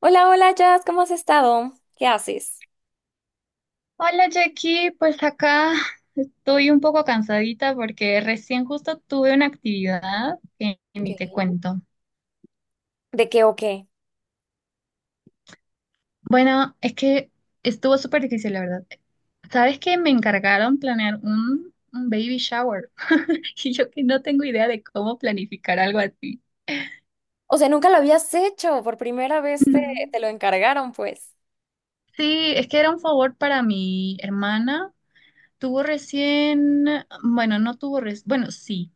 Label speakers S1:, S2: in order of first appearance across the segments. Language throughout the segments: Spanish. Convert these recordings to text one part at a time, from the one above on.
S1: Hola, hola, Jazz, ¿cómo has estado? ¿Qué haces?
S2: Hola Jackie, pues acá estoy un poco cansadita porque recién justo tuve una actividad que ni te
S1: Ok.
S2: cuento.
S1: ¿De qué o qué?
S2: Bueno, es que estuvo súper difícil, la verdad. ¿Sabes que me encargaron planear un baby shower? Y yo que no tengo idea de cómo planificar algo así.
S1: O sea, nunca lo habías hecho, por primera vez
S2: Ujú.
S1: te lo encargaron, pues.
S2: Sí, es que era un favor para mi hermana. Tuvo recién, bueno, no tuvo recién, bueno, sí.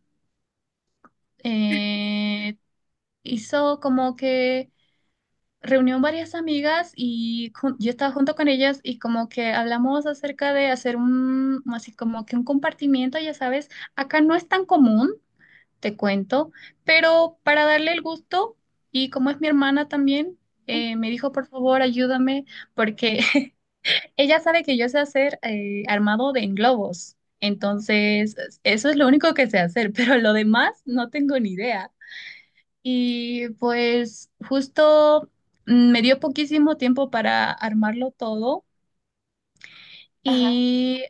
S2: Eh, Hizo como que reunió varias amigas y yo estaba junto con ellas y como que hablamos acerca de hacer un, así como que un compartimiento, ya sabes, acá no es tan común, te cuento, pero para darle el gusto y como es mi hermana también, me dijo, por favor, ayúdame porque ella sabe que yo sé hacer armado de globos. Entonces, eso es lo único que sé hacer, pero lo demás no tengo ni idea. Y pues justo me dio poquísimo tiempo para armarlo todo
S1: Ajá.
S2: y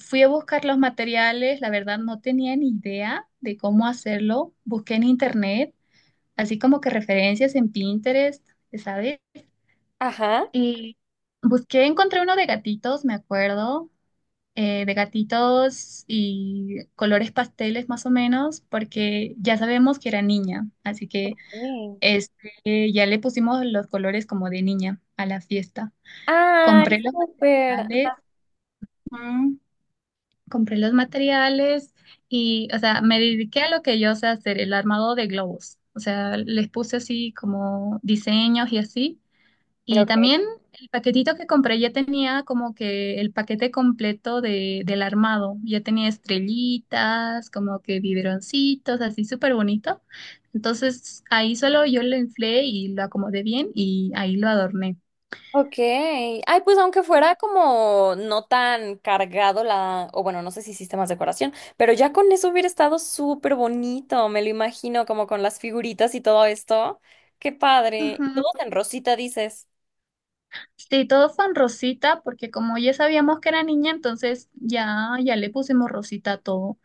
S2: fui a buscar los materiales. La verdad no tenía ni idea de cómo hacerlo. Busqué en internet, así como que referencias en Pinterest, ¿sabes?
S1: Ajá.
S2: Y busqué, encontré uno de gatitos, me acuerdo, de gatitos y colores pasteles más o menos, porque ya sabemos que era niña, así que...
S1: Sí.
S2: Este, ya le pusimos los colores como de niña a la fiesta. Compré
S1: Ay,
S2: los
S1: súper.
S2: materiales,
S1: Ajá.
S2: mm, compré los materiales y, o sea, me dediqué a lo que yo sé hacer, el armado de globos. O sea, les puse así como diseños y así. Y
S1: Ok.
S2: también el paquetito que compré ya tenía como que el paquete completo del armado. Ya tenía estrellitas, como que biberoncitos, así súper bonito. Entonces ahí solo yo lo inflé y lo acomodé bien y ahí lo adorné.
S1: Ok. Ay, pues aunque fuera como no tan cargado o bueno, no sé si hiciste más decoración, pero ya con eso hubiera estado súper bonito, me lo imagino, como con las figuritas y todo esto. Qué padre.
S2: Ujú.
S1: Todos en rosita, dices.
S2: Sí, todo fue en rosita porque como ya sabíamos que era niña, entonces ya, ya le pusimos rosita a todo.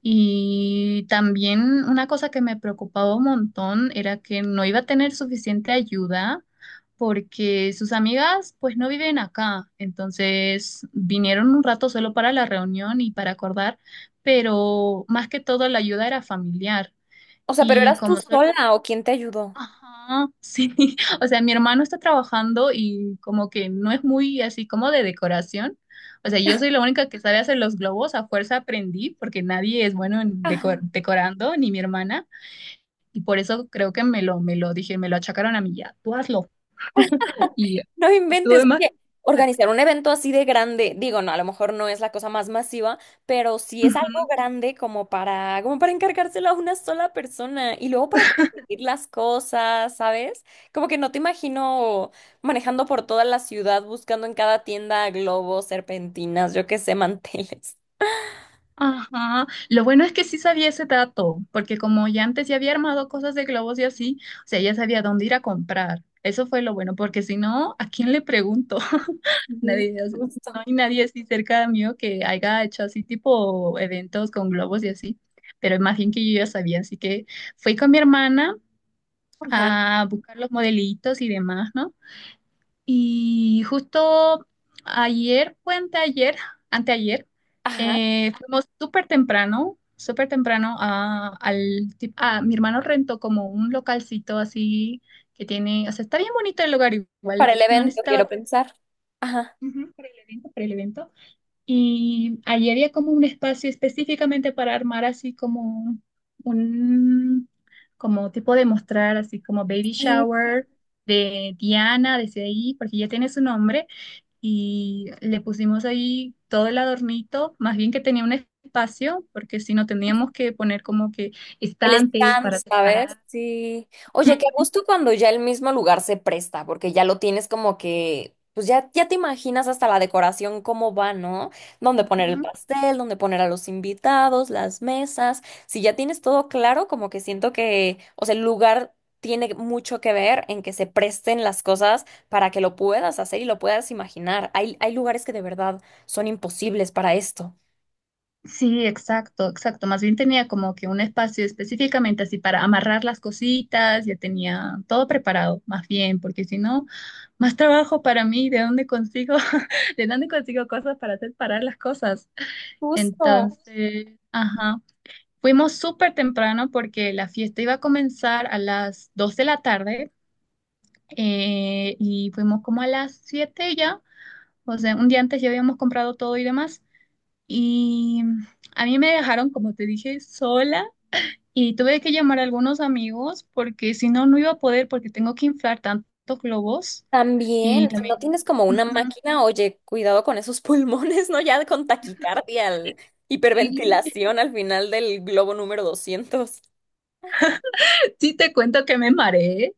S2: Y también una cosa que me preocupaba un montón era que no iba a tener suficiente ayuda porque sus amigas pues no viven acá. Entonces vinieron un rato solo para la reunión y para acordar, pero más que todo la ayuda era familiar.
S1: O sea, pero
S2: Y
S1: ¿eras tú
S2: como solo
S1: sola o quién te ayudó?
S2: ajá, sí, o sea, mi hermano está trabajando y como que no es muy así como de decoración. O sea, yo soy la única que sabe hacer los globos, a fuerza aprendí porque nadie es bueno en decorando, ni mi hermana, y por eso creo que me lo dije, me lo achacaron a mí ya, tú hazlo. Y
S1: No inventes,
S2: tuve más.
S1: oye, organizar un evento así de grande, digo, no, a lo mejor no es la cosa más masiva, pero sí es algo
S2: Ujú.
S1: grande como como para encargárselo a una sola persona y luego para conseguir las cosas, ¿sabes? Como que no te imagino manejando por toda la ciudad buscando en cada tienda globos, serpentinas, yo qué sé, manteles.
S2: Ajá, lo bueno es que sí sabía ese dato, porque como ya antes ya había armado cosas de globos y así, o sea, ya sabía dónde ir a comprar. Eso fue lo bueno, porque si no, ¿a quién le pregunto?
S1: Sí,
S2: Nadie, o sea,
S1: justo.
S2: no hay nadie así cerca mío que haya hecho así tipo eventos con globos y así, pero más bien que yo ya sabía, así que fui con mi hermana
S1: Ajá,
S2: a buscar los modelitos y demás, ¿no? Y justo ayer, fue anteayer, anteayer,
S1: ajá.
S2: fuimos súper temprano a, mi hermano rentó como un localcito así que tiene, o sea, está bien bonito el lugar
S1: Para
S2: igual,
S1: el
S2: no
S1: evento quiero
S2: necesitaba
S1: pensar. Ajá.
S2: ujú, para el evento, para el evento. Y allí había como un espacio específicamente para armar así como un, como tipo de mostrar así como baby shower de Diana, desde ahí, porque ya tiene su nombre y le pusimos ahí todo el adornito, más bien que tenía un espacio, porque si no teníamos que poner como que
S1: El
S2: estantes
S1: stand,
S2: para
S1: ¿sabes?
S2: separar.
S1: Sí. Oye, qué
S2: Ujú.
S1: gusto cuando ya el mismo lugar se presta, porque ya lo tienes como que, pues ya te imaginas hasta la decoración cómo va, ¿no? Dónde poner el
S2: Ujú.
S1: pastel, dónde poner a los invitados, las mesas. Si ya tienes todo claro, como que siento que, o sea, el lugar tiene mucho que ver en que se presten las cosas para que lo puedas hacer y lo puedas imaginar. Hay lugares que de verdad son imposibles para esto.
S2: Sí, exacto, exacto. Más bien tenía como que un espacio específicamente así para amarrar las cositas, ya tenía todo preparado, más bien, porque si no, más trabajo para mí, ¿de dónde consigo, de dónde consigo cosas para separar las cosas?
S1: Justo.
S2: Entonces, ajá. Fuimos súper temprano porque la fiesta iba a comenzar a las 2 de la tarde y fuimos como a las 7 ya, o sea, un día antes ya habíamos comprado todo y demás. Y a mí me dejaron, como te dije, sola y tuve que llamar a algunos amigos porque si no, no iba a poder porque tengo que inflar tantos globos y
S1: También, si no
S2: también...
S1: tienes como una
S2: Ujú.
S1: máquina, oye, cuidado con esos pulmones, ¿no? Ya con taquicardia,
S2: Sí.
S1: hiperventilación al final del globo número 200.
S2: Sí, te cuento que me mareé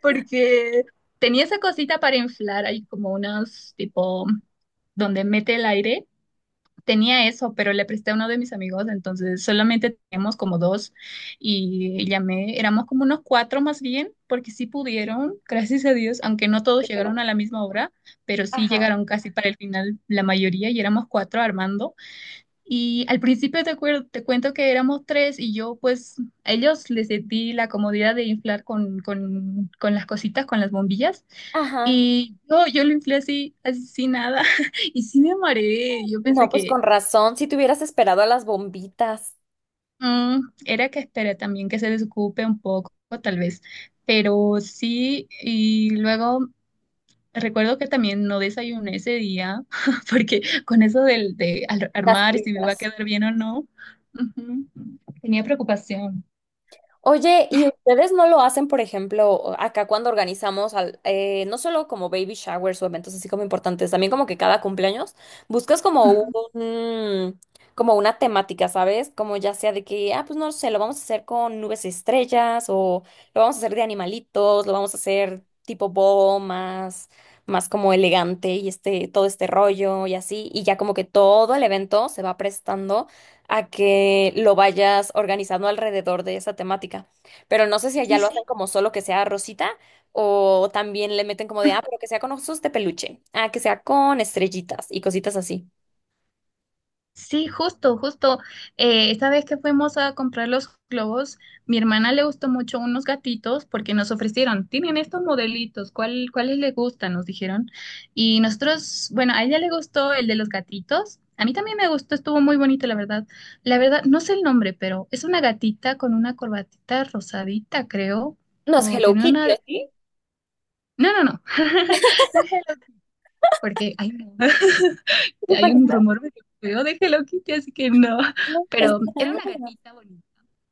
S2: porque tenía esa cosita para inflar, hay como unos tipo donde mete el aire. Tenía eso, pero le presté a uno de mis amigos, entonces solamente teníamos como dos y llamé, éramos como unos cuatro más bien, porque sí pudieron, gracias a Dios, aunque no todos
S1: Pero
S2: llegaron
S1: no.
S2: a la misma hora, pero sí
S1: Ajá.
S2: llegaron casi para el final la mayoría y éramos cuatro armando. Y al principio te cuento que éramos tres y yo pues a ellos les di la comodidad de inflar con las cositas, con las bombillas.
S1: Ajá.
S2: Y yo lo inflé así, así sin nada. Y sí me mareé. Yo pensé
S1: No, pues
S2: que
S1: con razón, si te hubieras esperado a las bombitas,
S2: era que esperé también que se desocupe un poco, tal vez. Pero sí, y luego recuerdo que también no desayuné ese día, porque con eso de
S1: las
S2: armar si me va a
S1: prisas.
S2: quedar bien o no, ujú, tenía preocupación.
S1: Oye, ¿y ustedes no lo hacen, por ejemplo, acá cuando organizamos, no solo como baby showers o eventos así como importantes, también como que cada cumpleaños buscas como un, como una temática, ¿sabes? Como ya sea de que, ah, pues no sé, lo vamos a hacer con nubes estrellas o lo vamos a hacer de animalitos, lo vamos a hacer tipo boho más como elegante y este, todo este rollo y así, y ya como que todo el evento se va prestando a que lo vayas organizando alrededor de esa temática. Pero no sé si allá
S2: Sí,
S1: lo hacen
S2: sí,
S1: como solo que sea rosita o también le meten como de, ah, pero que sea con osos de peluche, ah, que sea con estrellitas y cositas así.
S2: sí, justo, justo. Esta vez que fuimos a comprar los globos, mi hermana le gustó mucho unos gatitos porque nos ofrecieron, tienen estos modelitos, cuáles le gustan? Nos dijeron. Y nosotros, bueno, a ella le gustó el de los gatitos. A mí también me gustó, estuvo muy bonito, la verdad. La verdad, no sé el nombre, pero es una gatita con una corbatita rosadita, creo.
S1: ¿No es
S2: O
S1: Hello
S2: tiene una
S1: Kitty, o
S2: de...
S1: sí?
S2: No, no, no. No es el otro, porque... ay, no. Hay un
S1: No,
S2: rumor medio feo de Hello Kitty, así que no.
S1: es
S2: Pero era una
S1: verdad.
S2: gatita bonita.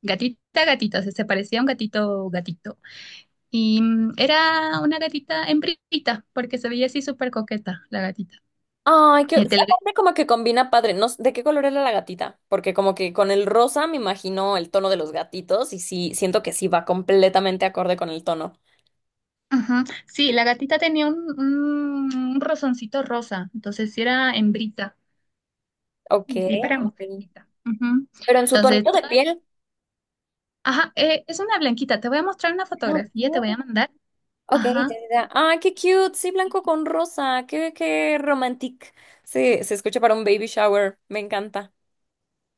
S2: Gatita, gatita, o sea, se parecía a un gatito, gatito. Y era una gatita hembrita, porque se veía así súper coqueta la gatita.
S1: Ay, que
S2: Y te la ve-
S1: aparte como que combina padre. No sé, ¿de qué color era la gatita? Porque como que con el rosa me imagino el tono de los gatitos y sí, siento que sí va completamente acorde con el tono.
S2: ajá. Sí, la gatita tenía un rosoncito rosa, entonces sí era hembrita.
S1: Ok.
S2: Sí, para mujercita. Ujú.
S1: Pero en su tonito
S2: Entonces,
S1: de
S2: toda-
S1: piel.
S2: ajá, es una blanquita. Te voy a mostrar una fotografía, te voy
S1: Ok.
S2: a mandar.
S1: Ok, ya,
S2: Ajá.
S1: ya. ya. Ah, qué cute. Sí, blanco con rosa. Qué romantic. Sí, se escucha para un baby shower. Me encanta.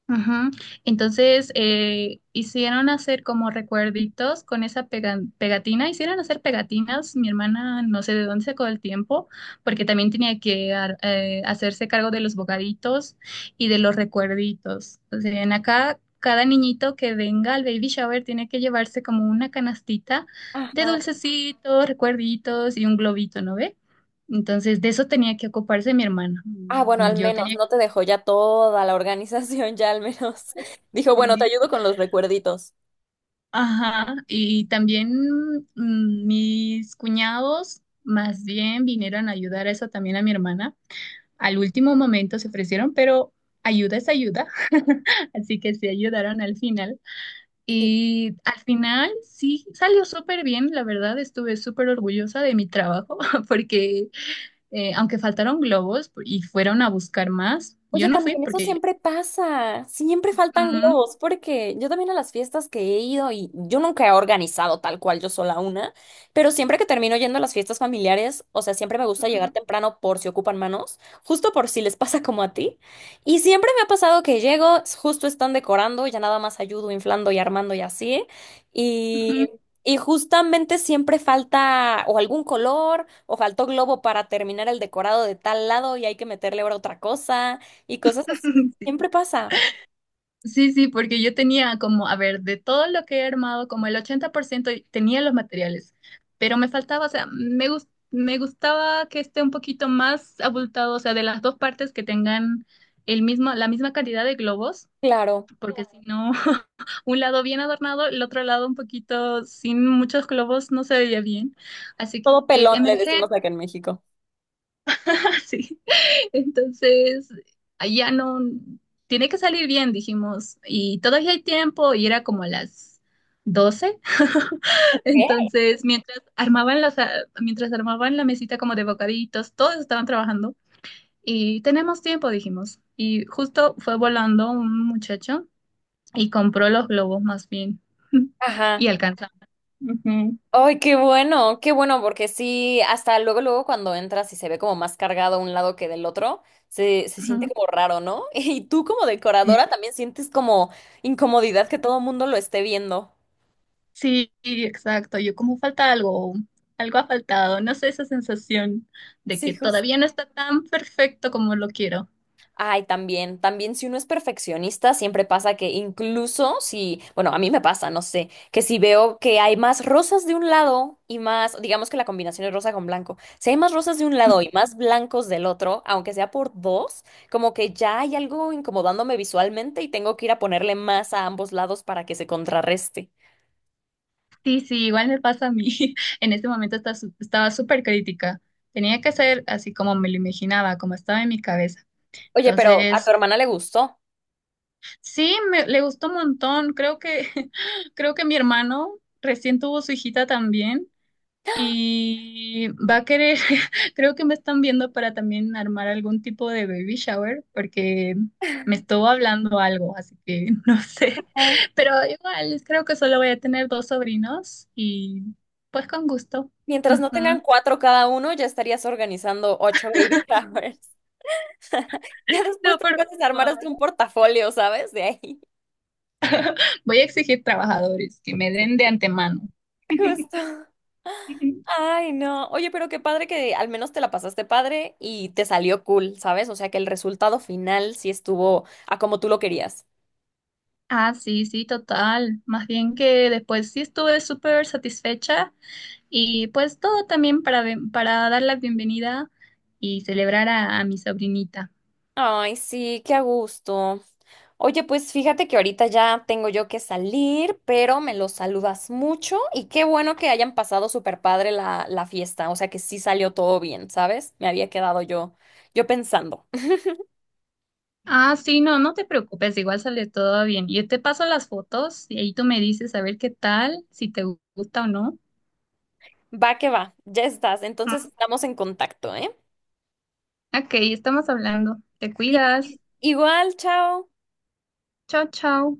S2: Ujú. Entonces, hicieron hacer como recuerditos con esa pegatina, hicieron hacer pegatinas, mi hermana no sé de dónde sacó el tiempo, porque también tenía que hacerse cargo de los bocaditos y de los recuerditos. O sea, en acá, cada niñito que venga al baby shower tiene que llevarse como una canastita de
S1: Ajá.
S2: dulcecitos, recuerditos y un globito, ¿no ve? Entonces, de eso tenía que ocuparse mi hermana.
S1: Ah, bueno, al
S2: Yo
S1: menos
S2: tenía
S1: no te dejó ya toda la organización, ya al menos. Dijo, bueno, te
S2: que...
S1: ayudo con los recuerditos.
S2: Ajá, y también mis cuñados más bien vinieron a ayudar a eso también a mi hermana. Al último momento se ofrecieron, pero ayuda es ayuda, así que sí ayudaron al final. Y al final sí salió súper bien, la verdad estuve súper orgullosa de mi trabajo porque aunque faltaron globos y fueron a buscar más, yo
S1: Oye,
S2: no fui
S1: también eso
S2: porque...
S1: siempre pasa, siempre faltan
S2: Ujú,
S1: globos, porque yo también a las fiestas que he ido y yo nunca he organizado tal cual yo sola una, pero siempre que termino yendo a las fiestas familiares, o sea, siempre me gusta llegar
S2: ujú,
S1: temprano por si ocupan manos, justo por si les pasa como a ti, y siempre me ha pasado que llego, justo están decorando, ya nada más ayudo inflando y armando y así, y...
S2: ujú.
S1: Y justamente siempre falta o algún color o faltó globo para terminar el decorado de tal lado y hay que meterle ahora otra cosa y cosas así. Siempre pasa.
S2: Sí, sí, porque yo tenía como, a ver, de todo lo que he armado, como el 80% y tenía los materiales, pero me faltaba, o sea, me gustaba que esté un poquito más abultado, o sea, de las dos partes que tengan el mismo, la misma cantidad de globos,
S1: Claro.
S2: porque si no, un lado bien adornado, el otro lado un poquito sin muchos globos no se veía bien. Así
S1: Todo
S2: que
S1: pelón le
S2: emergé,
S1: decimos acá en México.
S2: sí. Entonces, ya no, tiene que salir bien, dijimos, y todavía hay tiempo, y era como las doce.
S1: ¿Qué?
S2: Entonces, mientras armaban mientras armaban la mesita como de bocaditos, todos estaban trabajando, y tenemos tiempo, dijimos. Y justo fue volando un muchacho y compró los globos más bien, y
S1: Ajá.
S2: alcanzamos. Ujú,
S1: Ay, qué bueno, porque sí, hasta luego, luego cuando entras y se ve como más cargado un lado que del otro, se siente
S2: ujú.
S1: como raro, ¿no? Y tú como decoradora también sientes como incomodidad que todo el mundo lo esté viendo.
S2: Sí, exacto. Yo como falta algo, algo ha faltado. No sé, esa sensación de
S1: Sí.
S2: que todavía no está tan perfecto como lo quiero.
S1: Ay, también, también si uno es perfeccionista, siempre pasa que incluso si, bueno, a mí me pasa, no sé, que si veo que hay más rosas de un lado y más, digamos que la combinación es rosa con blanco, si hay más rosas de un lado y más blancos del otro, aunque sea por dos, como que ya hay algo incomodándome visualmente y tengo que ir a ponerle más a ambos lados para que se contrarreste.
S2: Sí, sí, igual me pasa a mí. En ese momento está estaba súper crítica. Tenía que ser así como me lo imaginaba, como estaba en mi cabeza.
S1: Oye, pero a tu
S2: Entonces,
S1: hermana le gustó.
S2: sí, le gustó un montón. Creo que, creo que mi hermano recién tuvo su hijita también y va a querer, creo que me están viendo para también armar algún tipo de baby shower, porque me estuvo hablando algo, así que no sé.
S1: Ah,
S2: Pero igual, creo que solo voy a tener dos sobrinos y pues con gusto.
S1: mientras no tengan
S2: Ujú.
S1: cuatro cada uno, ya estarías organizando ocho baby showers. Ya después
S2: No,
S1: te
S2: por
S1: puedes armar hasta un
S2: favor.
S1: portafolio, ¿sabes? De ahí.
S2: Voy a exigir trabajadores que me den de antemano.
S1: Justo. Ay, no. Oye, pero qué padre que al menos te la pasaste padre y te salió cool, ¿sabes? O sea, que el resultado final sí estuvo a como tú lo querías.
S2: Ah, sí, sí, total. Más bien que después sí estuve súper satisfecha y pues todo también para dar la bienvenida y celebrar a mi sobrinita.
S1: Ay, sí, qué a gusto. Oye, pues fíjate que ahorita ya tengo yo que salir, pero me los saludas mucho y qué bueno que hayan pasado súper padre la fiesta. O sea, que sí salió todo bien, ¿sabes? Me había quedado yo pensando.
S2: Ah, sí, no, no te preocupes, igual sale todo bien. Yo te paso las fotos y ahí tú me dices a ver qué tal, si te gusta o no.
S1: Va que va, ya estás. Entonces
S2: Ujú.
S1: estamos en contacto, ¿eh?
S2: Ok, estamos hablando. Te
S1: Sí,
S2: cuidas.
S1: igual, chao.
S2: Chao, chao.